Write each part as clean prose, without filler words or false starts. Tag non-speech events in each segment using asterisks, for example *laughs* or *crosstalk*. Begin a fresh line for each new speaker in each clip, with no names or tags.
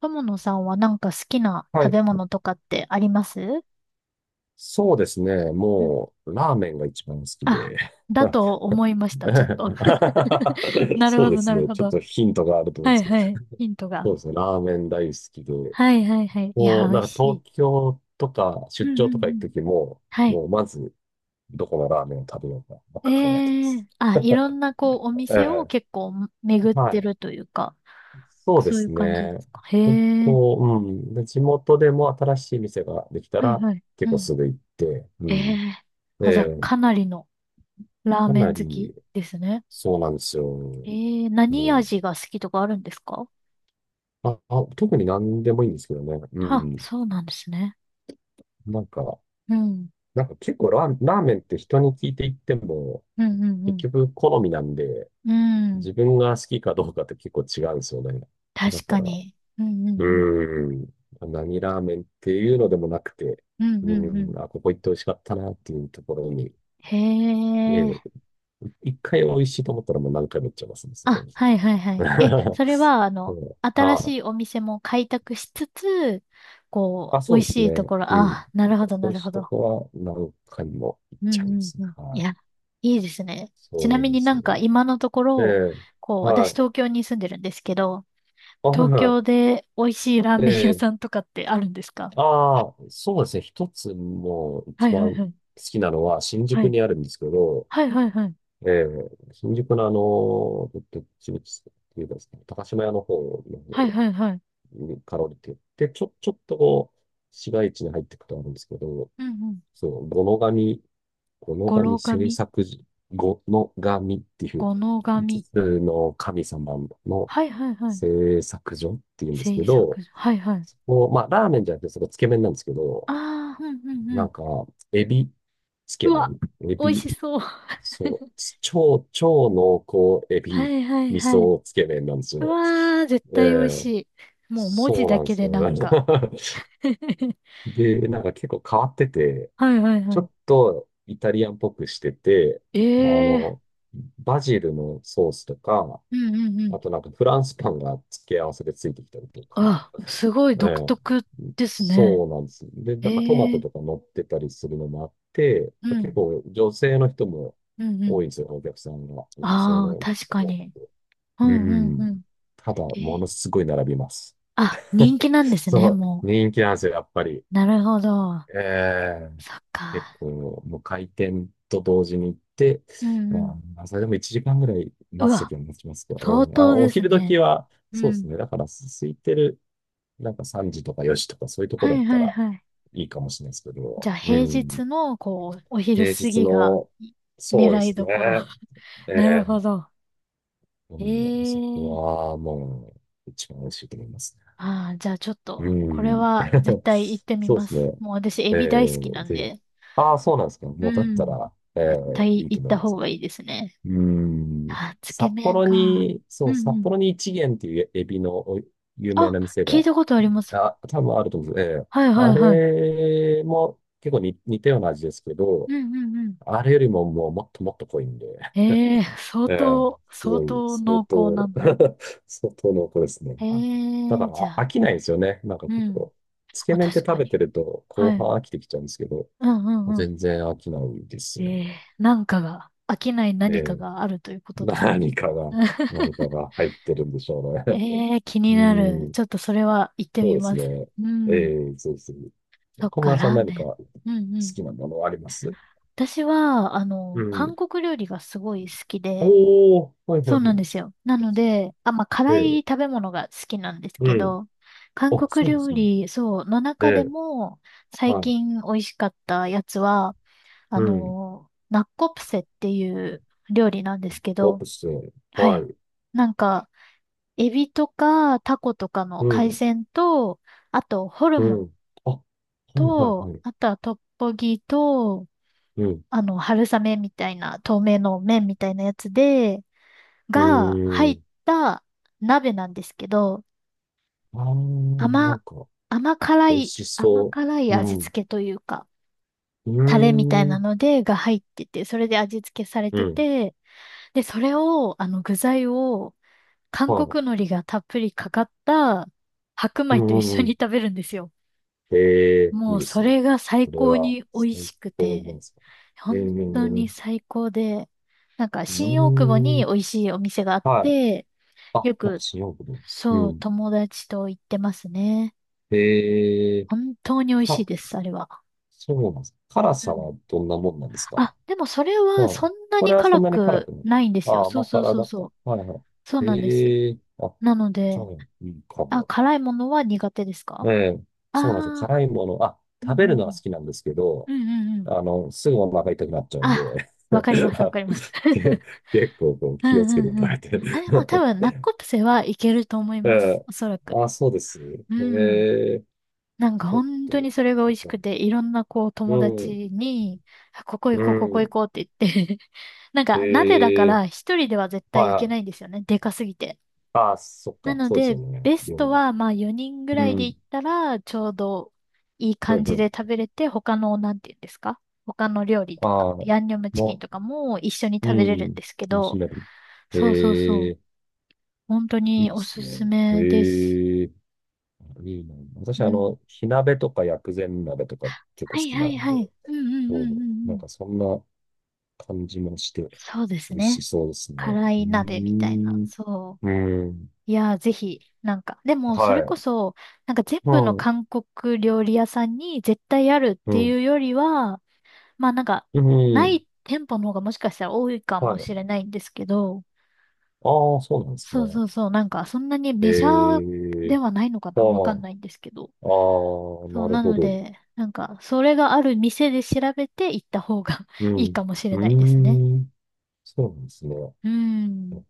友野さんはなんか好きな
は
食
い。
べ物とかってあります
そうですね。
うん。
もう、ラーメンが一番好き
あ、
で。
だと思いました、ちょっと。*laughs*
*laughs*
なる
そ
ほ
うで
ど、
す
なる
ね。
ほ
ちょっ
ど。
とヒントがあると思うん
は
で
い
すけど。
はい。ヒント
そ
が。
うですね。ラーメン大好きで。
はいはいはい。いや
も
ー、
う、
美味
なんか
し
東
い。
京とか
うん
出
う
張とか
んう
行く
ん。
ときも、
はい。
もうまず、どこのラーメンを食べようか、ばっ
え
か考えてま
え、
す。
あ、いろんなこう、お
え
店を
え、
結構巡っ
は
て
い。
るというか、
そうで
そういう
す
感じで
ね。
すか。へえ。
こう、うん。で、地元でも新しい店ができた
はい
ら、
はい。う
結構
ん。
すぐ行って、う
え
ん。
え、
え
あ、じゃあ、
え、
かなりのラー
か
メ
な
ン好き
り、
ですね。
そうなんですよ。
ええ、何
もう、
味が好きとかあるんですか？
特に何でもいいんですけどね。う
あ、
ん。
そうなんですね。
なんか、
うん。
なんか結構ラーメンって人に聞いていっても、
うんう
結
ん
局好みなんで、
うん。うん。
自分が好きかどうかって結構違うんですよね。だ
確
か
か
ら、
に。うんうん
うん。何ラーメンっていうのでもなくて、
うん。うんうんう
う
ん。
ん。あ、ここ行って美味しかったなっていうところに、
へ
え
え。
え、一回美味しいと思ったらもう何回も行っちゃいますね、そこ
あ、
に。
はいはいは
*laughs*
い。え、それは、あ
そ
の、
う
新
はあ、
しいお店も開拓しつつ、こ
あ、
う、
そ
美
う
味
です
しいと
ね。
ころ、
うん。
あ、なるほどな
そ
る
し
ほ
いと
ど。
こは何回も行っ
う
ちゃい
んう
ます
ん
ね。
うん。い
は
や、
い。
いいですね。ちな
そう
み
で
にな
すね。
んか今のとこ
え
ろ、
え、
こう、
は
私
い。
東京に住んでるんですけど、
あ、はい
東
は
京で美味しいラー
い。え
メン屋
え、
さんとかってあるんですか？
ああ、そうですね。一つもう
は
一
い
番
はいは
好
い。
きなのは新
は
宿
い
にあるんですけど、
はいはいはい。
ええ、新宿のあの、どっちみちっていうかですね、高島屋の方の
はい
方
はいはい。
にかろりって、で、ちょっとこう、市街地に入っていくとあるんですけど、
うんうん。
そう、五ノ神この
語呂
神制
紙、
作時、この神っていう
語の
五つ
紙。
つの神様の
はいはいはい。
製作所っていうんです
制
け
作。
ど、
はいはい。
そこ、まあ、ラーメンじゃなくて、そこつけ麺なんですけど、
ああ、うんうんう
な
ん。
んか、エビつ
う
け
わ、
麺、エ
美味
ビ、
しそう。
そ
*laughs*
う、超、超濃厚エ
は
ビ
いはい
味
はい。
噌つけ麺なんです
う
よ。
わー、絶
え
対美味し
え
い。もう文字
そう
だ
なんで
け
す
で
よ。
なん
*laughs*
か。*laughs*
で、なんか結構変わってて、
はいはい
ちょ
は
っとイタリアンっぽくしてて、
い。
あ
ええー。
の、バジルのソースとか、
うんうんう
あ
ん。
となんかフランスパンが付け合わせでついてきたりとか、
あ、すごい
え
独
え、
特ですね。
そうなんです。で、なんかトマ
ええ
ト
ー。
とか乗ってたりするのもあって、
う
結
ん。
構女性の人も
うんうん。
多いんですよ、お客さんが。女性
ああ、
の人
確か
が多く
に。
て。
う
う
んうんう
ん。
ん。
ただ、
え
も
ー、
のすごい並びます。
あ、人気なんで
*laughs*
す
そ
ね、
う、
も
人気なんですよ、やっぱり。
う。なるほど。
ええ
そっ
結
か。
構、もう開店と同時に行って、
うんうん。
うん、それでも1時間ぐらい
う
待つと
わ、
きは待ちますけど、
相
うん、あ、
当
お
です
昼時
ね。
は、
う
そうです
ん。
ね。だから、す空いてる、なんか3時とか4時とかそういうとこ
は
だっ
い
た
はい
ら
はい。
いいかもしれないですけ
じゃ
ど、
あ
う
平
ん、
日の、こう、お昼
平
過
日
ぎが
の、
い
そうで
狙い
すね。
どころ。*laughs* なるほ
ええ
ど。
もう、あそこ
ええ、
はもう、一番美味しいと思いますね。
ああ、じゃあちょっ
う
と、これ
ん。
は絶
*laughs*
対行ってみ
そうで
ま
す
す。
ね。
もう私、エ
え
ビ大好きな
え
ん
で、
で。
ああ、そうなんですか。
う
もうだった
ん。
ら、え
絶
え
対
いいと
行っ
思い
た
ま
方
す。
がいいですね。
うーん。
あ、つけ
札
麺
幌
か。
に、
う
そう、
んう
札
ん。
幌に一元っていうエビのお有名
あ、
な店
聞い
が、
たことあります。
あ、多分あると思うんです。ええ。
はいは
あ
いはい。
れも結構に似たような味ですけ
う
ど、
んうんうん。
あれよりももうもっともっと濃いんで、
ええー、相
ええ、
当、
す
相
ごい、
当濃
相
厚な
当
んだ。
*laughs* 相当濃厚ですね。
ええ
はいだか
ー、じゃ
らあ
あ、
飽きないですよね。なんか
う
結
ん。
構、つけ
あ、
麺って
確か
食べて
に。
ると後
は
半
い。
飽きてきちゃうんですけど、
うんうんうん。
全然飽きないです
え
よね。
えー、なんかが、飽きない
え
何か
え
があるというこ
*laughs*
とですね。
何かが、何か
*laughs*
が入ってるんでしょうね。
ええー、気
*laughs*
に
う
なる。
ん。
ちょっとそれは行って
そう
み
です
ます。
ね。
う
え
ん。
えそうですね。
そっ
小
か、
村さん
ラー
何
メ
か
ン。
好
うんうん。
きなものあります
私は、あ
う
の、韓
ん。
国料理がすごい好きで、
おー、はい
そ
は
う
いは
なんで
い。
すよ。なので、あ、まあ、辛い
ええ
食べ物が好きなんです
う
け
ん。
ど、韓
あ、
国
そうなんで
料
すね。
理、そう、の
え
中で
え
も、最
はい。
近美味しかったやつは、
う
あ
ん。
の、ナッコプセっていう料理なんですけ
コー
ど、
プス
は
は
い。
い。
なんか、エビとかタコとかの
う
海
ん。
鮮と、あと、ホル
う
モン
ん。あ、はいはい
と、
はい。
あとはトッポギと、
うん。
あの、春雨みたいな、透明の麺みたいなやつで、
う
が
ー
入っ
ん。
た鍋なんですけど、
あー、な
甘、
んか、
甘辛
美味
い、
し
甘
そ
辛い
う。
味
うん。
付けというか、
う
タレみたい
ー
な
ん。
ので、が入ってて、それで味付けされ
う
て
ん。
て、で、それを、あの、具材を、韓
はい。
国海苔がたっぷりかかった白
う
米と一
んう
緒に
ん
食べるんですよ。
ええい
も
い
う、
で
そ
すね。
れが最
これ
高
は
に美味
最
しく
高なん
て、
ですか。ええ
本当
う
に
ん。
最高で、なんか、
う
新大久保
ん
に美味しいお店があっ
はい。
て、
あ、
よ
やっぱ
く
新大久保。う
そう、
ん。
友達と行ってますね。
ええ
本当に美味しい
か、
です、あれは。
そうなんですか。辛
う
さ
ん。
はどんなもんなんです
あ、
か。
でもそれは
は
そ
い。
んな
こ
に
れはそ
辛
んなに辛
く
くない。
ないんで
あ
すよ。
あ、
そう
甘
そう
辛
そう
だ
そ
か。
う。
はいは
そう
い。
なんです。
ええあ、
なので、
じゃあ、いいか
あ、
も。
辛いものは苦手です
え
か？
え、そうなんですよ。
ああ
辛いもの、あ、
ー、うん
食べ
う
る
ん
のは好きなんですけ
う
ど、
ん。うんうんうん。
あの、すぐお腹痛くなっちゃうんで、
あ、わかりま
*laughs*
す、わ
あ
かります。
け
*laughs*
結構こう
う
気を
んう
つけて食
んうん。
べ
あ、
て。
でも多分、ナッコプセはいけると思い
*laughs* え
ます。
え、
おそらく。
あ、そうですね。
うん。
ええ、
なんか
ちょっ
本当
と、
にそれが美味しくて、いろんなこう
う
友
ん、
達に、あここ行
う
こう、ここ行
ん、
こうって言って *laughs* なん
え
か鍋だか
え、
ら一人では絶
は
対
い
行け
は
な
い。
いんですよね。でかすぎて。
あ、そっ
な
か、
の
そうです
で、
よね。
ベス
料
ト
理。
はまあ4人ぐ
う
らいで行
ん、
ったら、ちょうどいい
う
感
ん、う
じで食
ん。
べれて、他の、なんて言うんですか？他の料理とか、
ああ、
ヤンニョムチキン
も
とかも一緒に
う、
食べれ
う
るんで
ん、
すけ
楽し
ど、
める。
そうそうそ
え
う。
え、
本当
い
に
いっ
お
す
すす
ね。
めです。
ええ。いいね。私、
う
あ
ん。
の、火鍋とか薬膳鍋とか結構
は
好
い
き
は
な
い
んで、
はい。うんうんうん
そ
う
う
ん
な
う
ん
ん。
かそんな感じもして、
そうです
美味し
ね。
そうですね。
辛
うー
い鍋みたいな。
ん。
そ
うん。
う。いやー、ぜひ、なんか、でも、そ
は
れこ
い。
そ、なんか全
う
部の
ん。
韓国料理屋さんに絶対あるっ
う
て
ん。
いうよりは、まあなんか、
う
な
ん。
い店舗の方がもしかしたら多いか
は
も
い。
しれないんですけど、
ああ、そうなんです
そう
ね。
そうそう、なんか、そんなに
え
メジャー
え
ではないのか
ああ、
なわか
あ
んないんですけど。
あ、
そう、
なる
な
ほ
の
ど。
で、なんか、それがある店で調べて行った方が
う
*laughs* いい
ん。
かもしれ
う
ないですね。
ーん。そうなんですね。
うーん、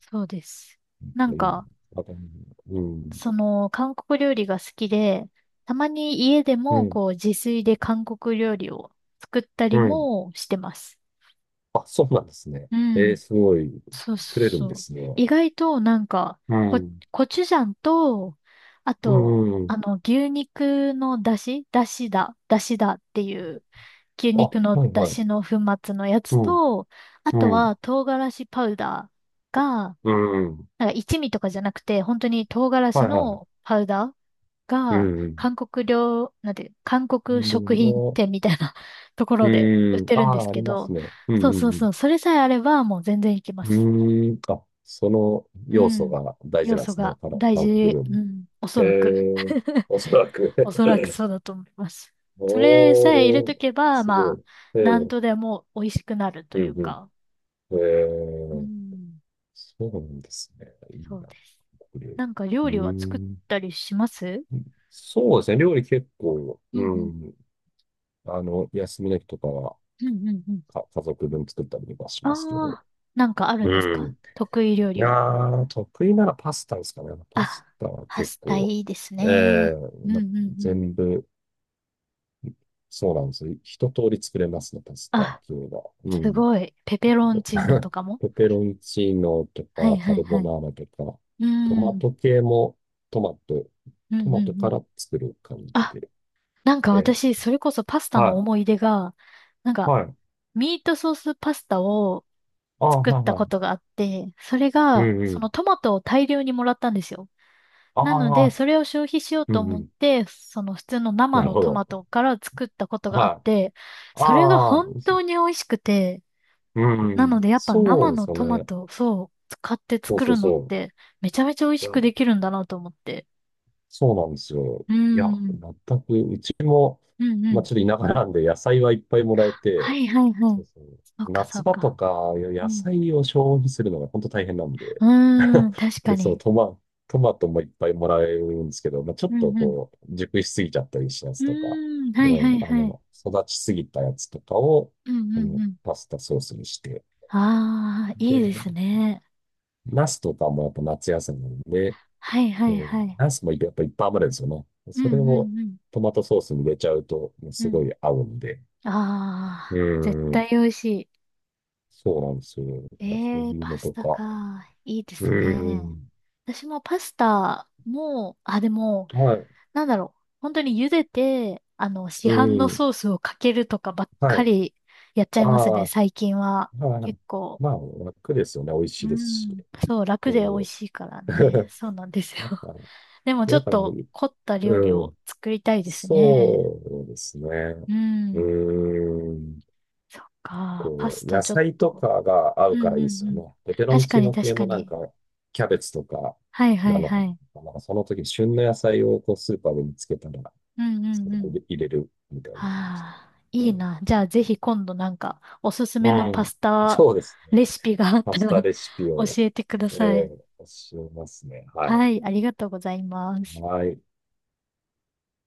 そうです。な
い
ん
いね
か、
あとうん。
その、韓国料理が好きで、たまに家で
う
も、
ん。
こう、自炊で韓国料理を作った
う
り
ん。
もしてます。
あ、そうなんですね。
う
えー、
ん。
すごい、
そうそ
作
う
れるん
そ
で
う。
すね。
意外と、なんか、
う
コ、
ん、
コチュジャンと、あ
う
と、
ん。う
あ
ん
の、牛肉の出汁出汁だ。出汁だっていう、牛
あ、
肉の
はい
出
はい。
汁の粉末のや
う
つ
ん、
と、あと
う
は、
ん、
唐辛子パウダーが、
うん、
なんか一味とかじゃなくて、本当に唐辛
は
子
いはい。
のパウダー
う
が、
ん、
韓国料、なんていう、韓
う
国食
ん
品
の、
店みたいな *laughs* ところで売っ
うん。
て
あ
るんです
あ、あ
け
りま
ど、
すね。う
そう
ん、う
そうそ
ん、
う、それさえあればもう全然いけま
う
す。
ん。うーん。あ、その
う
要素
ん。
が大事
要
なんで
素
すね。
が
この
大
韓国
事、
料
う
理。
ん、おそ
え
らく。
え、
*laughs*
おそらく
おそらくそう
*laughs*
だと思います。それさえ入れ
お
と
ー、
けば、
すご
まあ、
い。え
なん
ー
とでも美味しくなると
う
いう
ん、
か。
うん。え
う
ー
ん、
そうなんですね。いい
そう
な。
です。
料理
なんか料理
う
は作っ
ん。
たりします？
そうですね。料理結構、
うんう
う
ん。
ん。あの、休みの日とかは、
うんうんうん。
か、家族分作ったりとかし
あ
ますけど。
あ、なんかある
う
んです
ん。
か得意料
い
理
や
は？
ー、得意ならパスタですかね。パス
あ、
タは
パ
結
スタ
構、
いいです
え
ね。
え
うん
ま、
うんうん。
全部、そうなんですよ。一通り作れますね、パスタっ
あ、
ていうのは。う
す
ん。
ごい。ペペロンチーノと
*laughs*
かも
ペペロンチーノと
はい
か、
は
カ
い
ルボ
は
ナ
い。
ーラとか、
う
ト
ん。う
マ
ん
ト系も、トマト、
う
ト
んう
マトか
ん。
ら作る感じ
あ、
で。
なんか
ええ
私、それこそパスタの
は
思い出が、なん
い。
か、
はい。
ミートソースパスタを
ああ、
作っ
はい
た
は
こと
い。
があって、それ
う
が、
んう
その
ん。
トマトを大量にもらったんですよ。
あ
なので、
あ、
それを消費しよう
う
と
んう
思っ
ん。
て、その普通の生
なる
の
ほ
トマ
ど。
トから作ったことがあっ
は
て、
い。
それが
ああ、
本当に美味しくて、
うんう
なの
ん。
でやっぱ
そう
生
で
の
すよ
トマ
ね。
トをそう使って
そう
作
そう
るのっ
そ
てめちゃめちゃ美味
う。
し
いや、
くできるんだなと思って。
そうなんですよ。
うー
いや、
ん。
全く、うちも、
うんう
まあ、
ん。
ちょっと田舎なんで野菜はいっぱいもらえ
は
て、
いはいは
そ
い。
うそう。
そうかそ
夏
う
場と
か。
か、いや
う
野
ん。
菜を消費するのが本当大変なんで、
うーん、確か
で、そう、
に。
トマトもいっぱいもらえるんですけど、まあ、ちょっ
う
と
んうん。
こう、熟しすぎちゃったりしたや
う
つとか、
ーん、は
う
いは
ん、
い
あ
はい。
の、育ちすぎたやつとかを、
うんう
う
ん
ん、
うん。
パスタソースにして、
ああ、いいで
で、
すね。
ナスとかもやっぱ夏野菜なんで、
はいは
う
いは
ん、
い。
ナスもやっぱいっぱい余るんですよね。
う
それ
んう
を
んうん。
トマトソースに入れちゃうと、もう
う
すご
ん、
い合うんで、
あ
う
あ、絶
ん、
対美味しい。
そうなんですよ。
え
そう
えー
いう
パ
の
ス
と
タ
か、
か。いいで
う
すね。
ん、
私もパスタも、あ、でも、
はい、
なんだろう。本当に茹でて、あの、市
う
販の
ん、
ソースをかけるとかばっ
は
か
い。
りやっちゃいます
あ
ね、
あ、
最近は。
まあ、
結構。
まあ、楽ですよね。美味し
う
いですし。
ん。そう、楽で美
う
味
ん。
しいからね。
*laughs*
そうなんですよ。
やっ
*laughs*
ぱ、
でもち
や
ょ
っ
っ
ぱ、
と凝った料理
う
を
ん。
作りたいですね。
そうですね。う
うん。
ーん。
そっか。パ
こ
ス
う、
タ
野
ちょっ
菜と
と。
かが合
う
う
ん
か
う
ら
ん
いい
う
ですよ
ん。
ね。ペペロン
確か
チー
に
ノ
確
系
か
もなん
に。
か、キャベツとか、
はいは
な
いは
の、
い。
なんかその時、旬の野菜をこうスーパーで見つけたら、
うんう
そ
ん
れ
う
を
ん。
入れるみたいな感じで。
ああ、
う
いい
ん。
な。じゃあぜひ今度なんかおすす
う
めのパ
ん
スタ
そうですね。
レシピがあっ
パ
た
スタ
ら
レシピ
*laughs* 教
を、
えてくだ
え
さい。
ー、教えますね。は
は
い。
い、ありがとうございます。
はい。